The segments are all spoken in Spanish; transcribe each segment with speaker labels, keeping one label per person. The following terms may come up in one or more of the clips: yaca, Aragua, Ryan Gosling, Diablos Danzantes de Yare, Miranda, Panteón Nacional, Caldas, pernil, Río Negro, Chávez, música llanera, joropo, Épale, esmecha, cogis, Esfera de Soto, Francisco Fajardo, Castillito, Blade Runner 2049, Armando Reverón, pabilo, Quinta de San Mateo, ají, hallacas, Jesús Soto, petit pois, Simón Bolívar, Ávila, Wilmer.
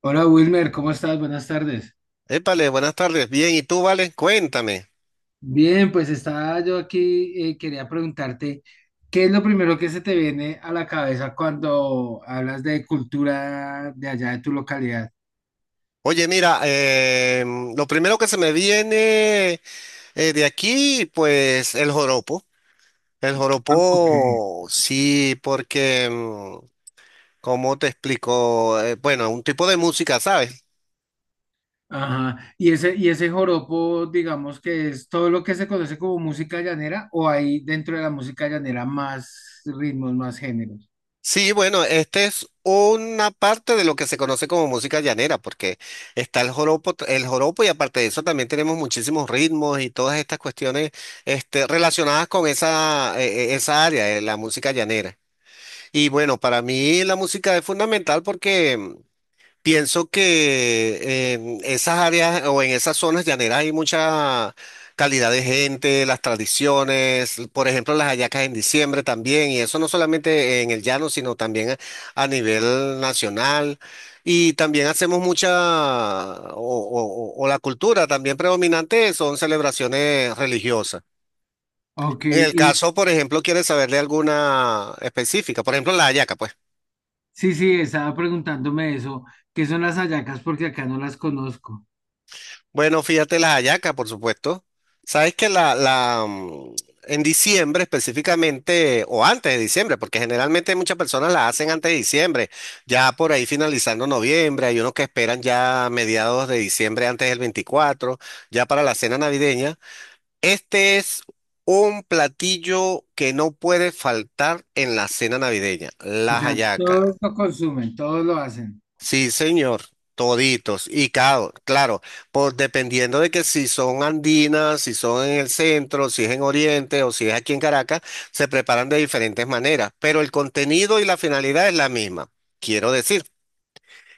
Speaker 1: Hola Wilmer, ¿cómo estás? Buenas tardes.
Speaker 2: Épale, buenas tardes. Bien, ¿y tú, Vale? Cuéntame.
Speaker 1: Bien, pues estaba yo aquí, quería preguntarte, ¿qué es lo primero que se te viene a la cabeza cuando hablas de cultura de allá de tu localidad?
Speaker 2: Oye, mira, lo primero que se me viene de aquí, pues el joropo. El
Speaker 1: Ah, ok.
Speaker 2: joropo, sí, porque, ¿cómo te explico? Bueno, un tipo de música, ¿sabes?
Speaker 1: Ajá. ¿Y ese joropo, digamos que es todo lo que se conoce como música llanera o hay dentro de la música llanera más ritmos, más géneros?
Speaker 2: Sí, bueno, este es una parte de lo que se conoce como música llanera, porque está el joropo, el joropo y aparte de eso también tenemos muchísimos ritmos y todas estas cuestiones este, relacionadas con esa área de la música llanera. Y bueno, para mí la música es fundamental porque pienso que en esas áreas o en esas zonas llaneras hay mucha calidad de gente, las tradiciones, por ejemplo, las hallacas en diciembre también, y eso no solamente en el llano, sino también a nivel nacional. Y también hacemos mucha, o la cultura también predominante son celebraciones religiosas.
Speaker 1: Ok,
Speaker 2: En el
Speaker 1: y
Speaker 2: caso, por ejemplo, quieres saber de alguna específica, por ejemplo, la hallaca, pues.
Speaker 1: sí, sí, estaba preguntándome eso, ¿qué son las hallacas? Porque acá no las conozco.
Speaker 2: Bueno, fíjate las hallacas, por supuesto. Sabes que en diciembre específicamente, o antes de diciembre, porque generalmente muchas personas la hacen antes de diciembre, ya por ahí finalizando noviembre, hay unos que esperan ya mediados de diciembre, antes del 24, ya para la cena navideña. Este es un platillo que no puede faltar en la cena navideña,
Speaker 1: O
Speaker 2: las
Speaker 1: sea,
Speaker 2: hallacas.
Speaker 1: todos lo consumen, todos lo hacen.
Speaker 2: Sí, señor, toditos. Y claro, claro, Por dependiendo de que si son andinas, si son en el centro, si es en Oriente o si es aquí en Caracas, se preparan de diferentes maneras, pero el contenido y la finalidad es la misma. Quiero decir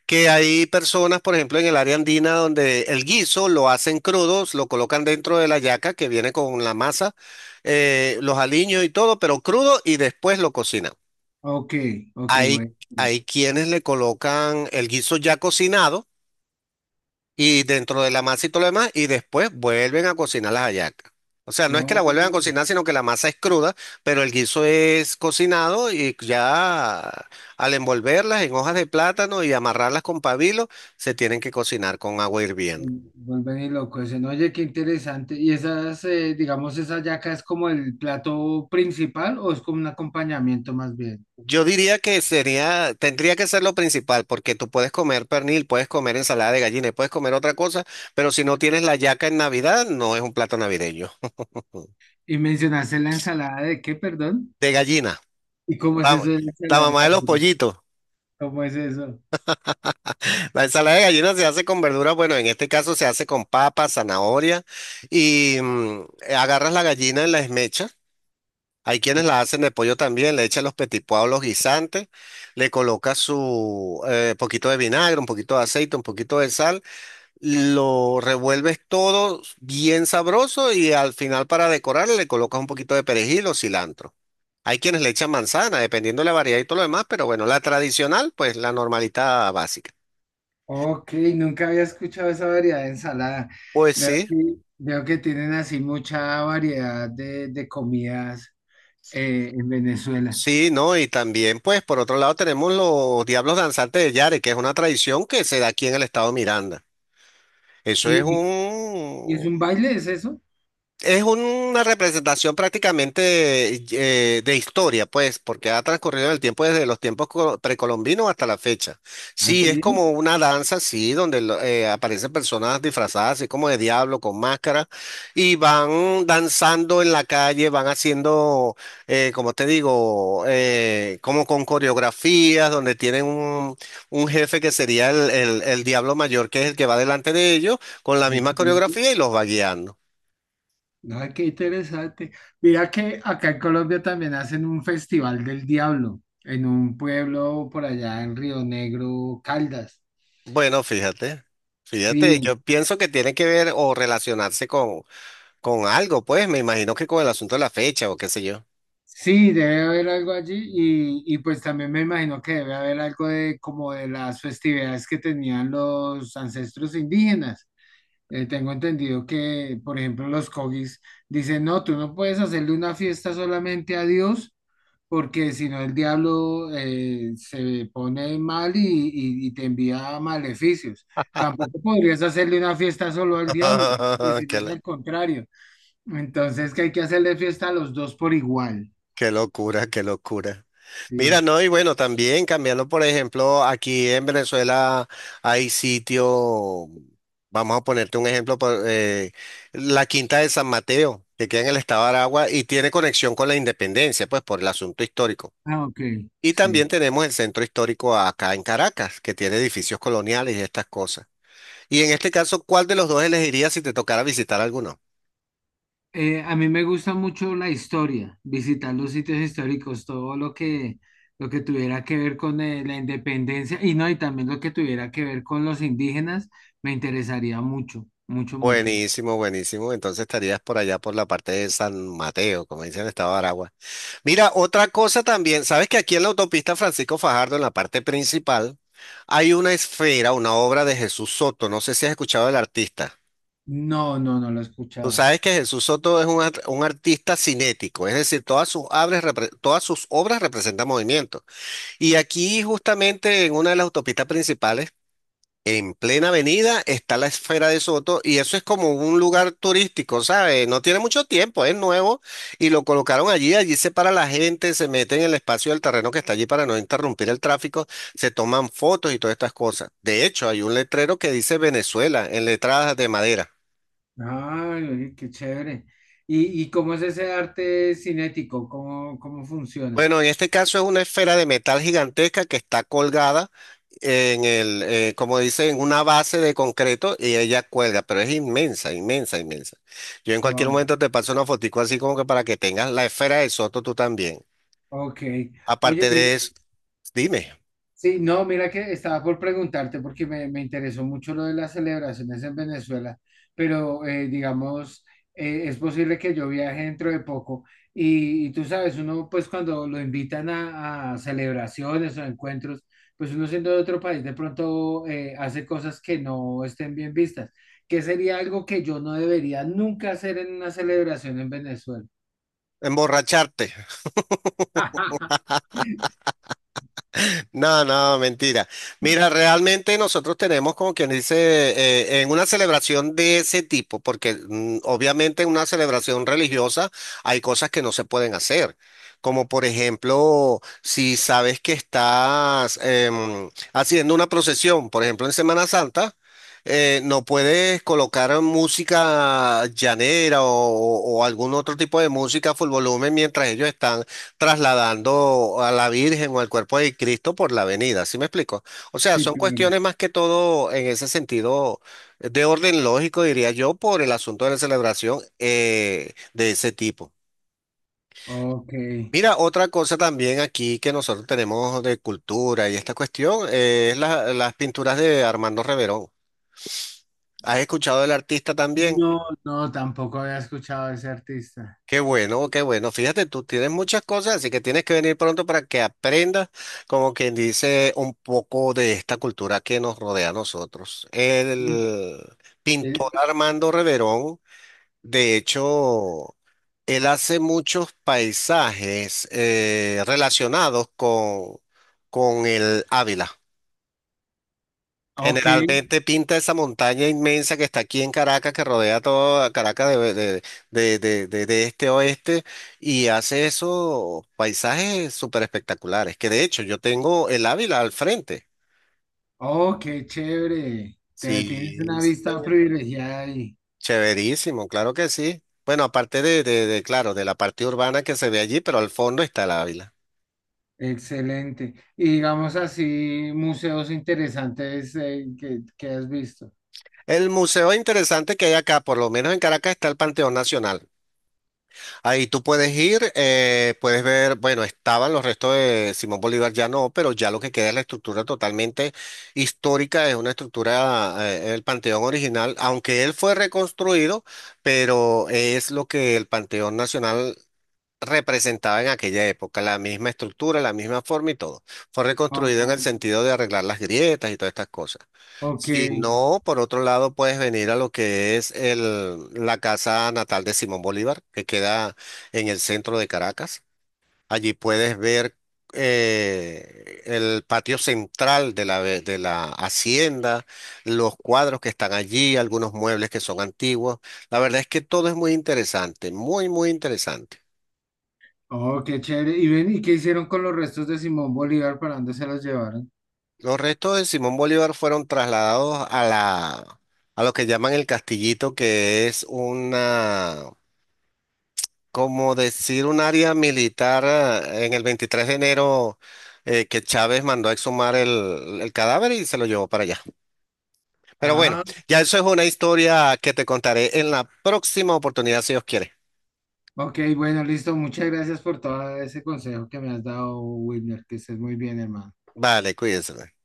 Speaker 2: que hay personas, por ejemplo, en el área andina donde el guiso lo hacen crudos, lo colocan dentro de la yaca que viene con la masa, los aliños y todo, pero crudo y después lo cocinan.
Speaker 1: Ok, ok,
Speaker 2: Hay,
Speaker 1: bueno.
Speaker 2: hay quienes le colocan el guiso ya cocinado y dentro de la masa y todo lo demás, y después vuelven a cocinar las hallacas. O sea, no es que la vuelven a
Speaker 1: Oh,
Speaker 2: cocinar, sino que la masa es cruda, pero el guiso es cocinado y ya al envolverlas en hojas de plátano y amarrarlas con pabilo, se tienen que cocinar con agua hirviendo.
Speaker 1: vuelven y loco ese. No, oye, qué interesante. ¿Y esas, digamos, esa yaca es como el plato principal o es como un acompañamiento más bien?
Speaker 2: Yo diría que sería, tendría que ser lo principal, porque tú puedes comer pernil, puedes comer ensalada de gallina, y puedes comer otra cosa, pero si no tienes la hallaca en Navidad, no es un plato navideño.
Speaker 1: Y mencionaste la ensalada de qué, perdón.
Speaker 2: De gallina,
Speaker 1: ¿Y cómo es
Speaker 2: la,
Speaker 1: eso de la
Speaker 2: la
Speaker 1: ensalada de
Speaker 2: mamá de los
Speaker 1: ají?
Speaker 2: pollitos.
Speaker 1: ¿Cómo es eso?
Speaker 2: La ensalada de gallina se hace con verduras, bueno, en este caso se hace con papa, zanahoria y agarras la gallina en la esmecha. Hay quienes la hacen de pollo también, le echan los petit pois, los guisantes, le colocas su poquito de vinagre, un poquito de aceite, un poquito de sal, lo revuelves todo bien sabroso y al final para decorar le colocas un poquito de perejil o cilantro. Hay quienes le echan manzana, dependiendo de la variedad y todo lo demás, pero bueno, la tradicional, pues la normalita básica.
Speaker 1: Ok, nunca había escuchado esa variedad de ensalada.
Speaker 2: Pues
Speaker 1: Veo
Speaker 2: sí.
Speaker 1: que, veo que tienen así mucha variedad de comidas en Venezuela.
Speaker 2: Sí, ¿no? Y también, pues, por otro lado tenemos los Diablos Danzantes de Yare, que es una tradición que se da aquí en el estado Miranda. Eso
Speaker 1: ¿Y,
Speaker 2: es
Speaker 1: y- ¿Y es
Speaker 2: un,
Speaker 1: un baile, es eso?
Speaker 2: es una representación prácticamente de historia, pues, porque ha transcurrido el tiempo desde los tiempos precolombinos hasta la fecha. Sí, es
Speaker 1: Así,
Speaker 2: como una danza, sí, donde aparecen personas disfrazadas, así como de diablo, con máscara, y van danzando en la calle, van haciendo, como te digo, como con coreografías, donde tienen un jefe que sería el diablo mayor, que es el que va delante de ellos, con la
Speaker 1: qué
Speaker 2: misma
Speaker 1: interesante.
Speaker 2: coreografía y los va guiando.
Speaker 1: Mira que acá en Colombia también hacen un festival del diablo en un pueblo por allá en Río Negro, Caldas.
Speaker 2: Bueno, fíjate, fíjate,
Speaker 1: Sí,
Speaker 2: yo pienso que tiene que ver o relacionarse con, algo, pues me imagino que con el asunto de la fecha o qué sé yo.
Speaker 1: sí, debe haber algo allí y pues también me imagino que debe haber algo de como de las festividades que tenían los ancestros indígenas. Tengo entendido que, por ejemplo, los cogis dicen, no, tú no puedes hacerle una fiesta solamente a Dios, porque si no el diablo se pone mal y te envía maleficios. Tampoco podrías hacerle una fiesta solo al diablo, pues si no
Speaker 2: Qué,
Speaker 1: es
Speaker 2: lo-
Speaker 1: al contrario. Entonces que hay que hacerle fiesta a los dos por igual.
Speaker 2: Qué locura, qué locura. Mira,
Speaker 1: Sí.
Speaker 2: no, y bueno, también cambiando, por ejemplo, aquí en Venezuela hay sitio, vamos a ponerte un ejemplo, la Quinta de San Mateo, que queda en el estado de Aragua y tiene conexión con la independencia, pues por el asunto histórico.
Speaker 1: Ah, ok,
Speaker 2: Y
Speaker 1: sí.
Speaker 2: también tenemos el centro histórico acá en Caracas, que tiene edificios coloniales y estas cosas. Y en este caso, ¿cuál de los dos elegirías si te tocara visitar alguno?
Speaker 1: A mí me gusta mucho la historia, visitar los sitios históricos, todo lo que tuviera que ver con la independencia y no, y también lo que tuviera que ver con los indígenas, me interesaría mucho, mucho, mucho.
Speaker 2: Buenísimo, buenísimo. Entonces estarías por allá por la parte de San Mateo, como dicen el estado de Aragua. Mira, otra cosa también, sabes que aquí en la autopista Francisco Fajardo, en la parte principal, hay una esfera, una obra de Jesús Soto. No sé si has escuchado del artista.
Speaker 1: No, no, no lo he
Speaker 2: Tú
Speaker 1: escuchado.
Speaker 2: sabes que Jesús Soto es un, un artista cinético, es decir, todas sus, obras todas sus obras representan movimiento. Y aquí justamente en una de las autopistas principales en plena avenida está la Esfera de Soto y eso es como un lugar turístico, ¿sabes? No tiene mucho tiempo, es nuevo y lo colocaron allí, allí se para la gente, se mete en el espacio del terreno que está allí para no interrumpir el tráfico, se toman fotos y todas estas cosas. De hecho, hay un letrero que dice Venezuela en letras de madera.
Speaker 1: Ay, oye, qué chévere. Y cómo es ese arte cinético? ¿Cómo, cómo funciona?
Speaker 2: Bueno, en este caso es una esfera de metal gigantesca que está colgada en el, como dice, en una base de concreto y ella cuelga, pero es inmensa, inmensa, inmensa. Yo en cualquier
Speaker 1: Wow.
Speaker 2: momento te paso una fotico así como que para que tengas la esfera de Soto tú también.
Speaker 1: Ok. Oye,
Speaker 2: Aparte de
Speaker 1: mira,
Speaker 2: eso, dime,
Speaker 1: sí, no, mira que estaba por preguntarte porque me interesó mucho lo de las celebraciones en Venezuela, pero digamos, es posible que yo viaje dentro de poco y tú sabes, uno pues cuando lo invitan a celebraciones o encuentros, pues uno siendo de otro país de pronto hace cosas que no estén bien vistas, que sería algo que yo no debería nunca hacer en una celebración en Venezuela.
Speaker 2: emborracharte. No, no, mentira. Mira, realmente nosotros tenemos como quien dice, en una celebración de ese tipo, porque obviamente en una celebración religiosa hay cosas que no se pueden hacer. Como por ejemplo, si sabes que estás haciendo una procesión, por ejemplo en Semana Santa, no puedes colocar música llanera o algún otro tipo de música a full volumen mientras ellos están trasladando a la Virgen o al cuerpo de Cristo por la avenida, ¿sí me explico? O sea,
Speaker 1: Sí,
Speaker 2: son
Speaker 1: claro.
Speaker 2: cuestiones más que todo en ese sentido de orden lógico, diría yo, por el asunto de la celebración de ese tipo.
Speaker 1: Ok.
Speaker 2: Mira, otra cosa también aquí que nosotros tenemos de cultura y esta cuestión es las pinturas de Armando Reverón. ¿Has escuchado del artista también?
Speaker 1: No, no, tampoco había escuchado a ese artista.
Speaker 2: Qué bueno, qué bueno. Fíjate, tú tienes muchas cosas, así que tienes que venir pronto para que aprendas, como quien dice, un poco de esta cultura que nos rodea a nosotros. El pintor
Speaker 1: Eh,
Speaker 2: Armando Reverón, de hecho, él hace muchos paisajes relacionados con, el Ávila.
Speaker 1: Ok,
Speaker 2: Generalmente pinta esa montaña inmensa que está aquí en Caracas, que rodea toda Caracas de este a oeste, y hace esos paisajes súper espectaculares, que de hecho yo tengo el Ávila al frente.
Speaker 1: oh, chévere. Te tienes
Speaker 2: Sí,
Speaker 1: una
Speaker 2: sí,
Speaker 1: vista
Speaker 2: señor.
Speaker 1: privilegiada ahí.
Speaker 2: Chéverísimo, claro que sí. Bueno, aparte de, claro, de la parte urbana que se ve allí, pero al fondo está el Ávila.
Speaker 1: Excelente. Y digamos así, museos interesantes que has visto.
Speaker 2: El museo interesante que hay acá, por lo menos en Caracas, está el Panteón Nacional. Ahí tú puedes ir, puedes ver, bueno, estaban los restos de Simón Bolívar, ya no, pero ya lo que queda es la estructura totalmente histórica, es una estructura, el Panteón original, aunque él fue reconstruido, pero es lo que el Panteón Nacional representaba en aquella época, la misma estructura, la misma forma y todo. Fue reconstruido en el
Speaker 1: Oh,
Speaker 2: sentido de arreglar las grietas y todas estas cosas.
Speaker 1: ok.
Speaker 2: Si no, por otro lado, puedes venir a lo que es el, la casa natal de Simón Bolívar, que queda en el centro de Caracas. Allí puedes ver el patio central de de la hacienda, los cuadros que están allí, algunos muebles que son antiguos. La verdad es que todo es muy interesante, muy, muy interesante.
Speaker 1: Oh, qué chévere. Y ven, ¿y qué hicieron con los restos de Simón Bolívar? ¿Para dónde se los llevaron?
Speaker 2: Los restos de Simón Bolívar fueron trasladados a a lo que llaman el Castillito, que es una, como decir, un área militar en el 23 de Enero que Chávez mandó a exhumar el cadáver y se lo llevó para allá. Pero bueno,
Speaker 1: Ah,
Speaker 2: ya eso es una historia que te contaré en la próxima oportunidad, si Dios quiere.
Speaker 1: ok, bueno, listo. Muchas gracias por todo ese consejo que me has dado, Wilmer. Que estés muy bien, hermano.
Speaker 2: Vale, cuídense, pues.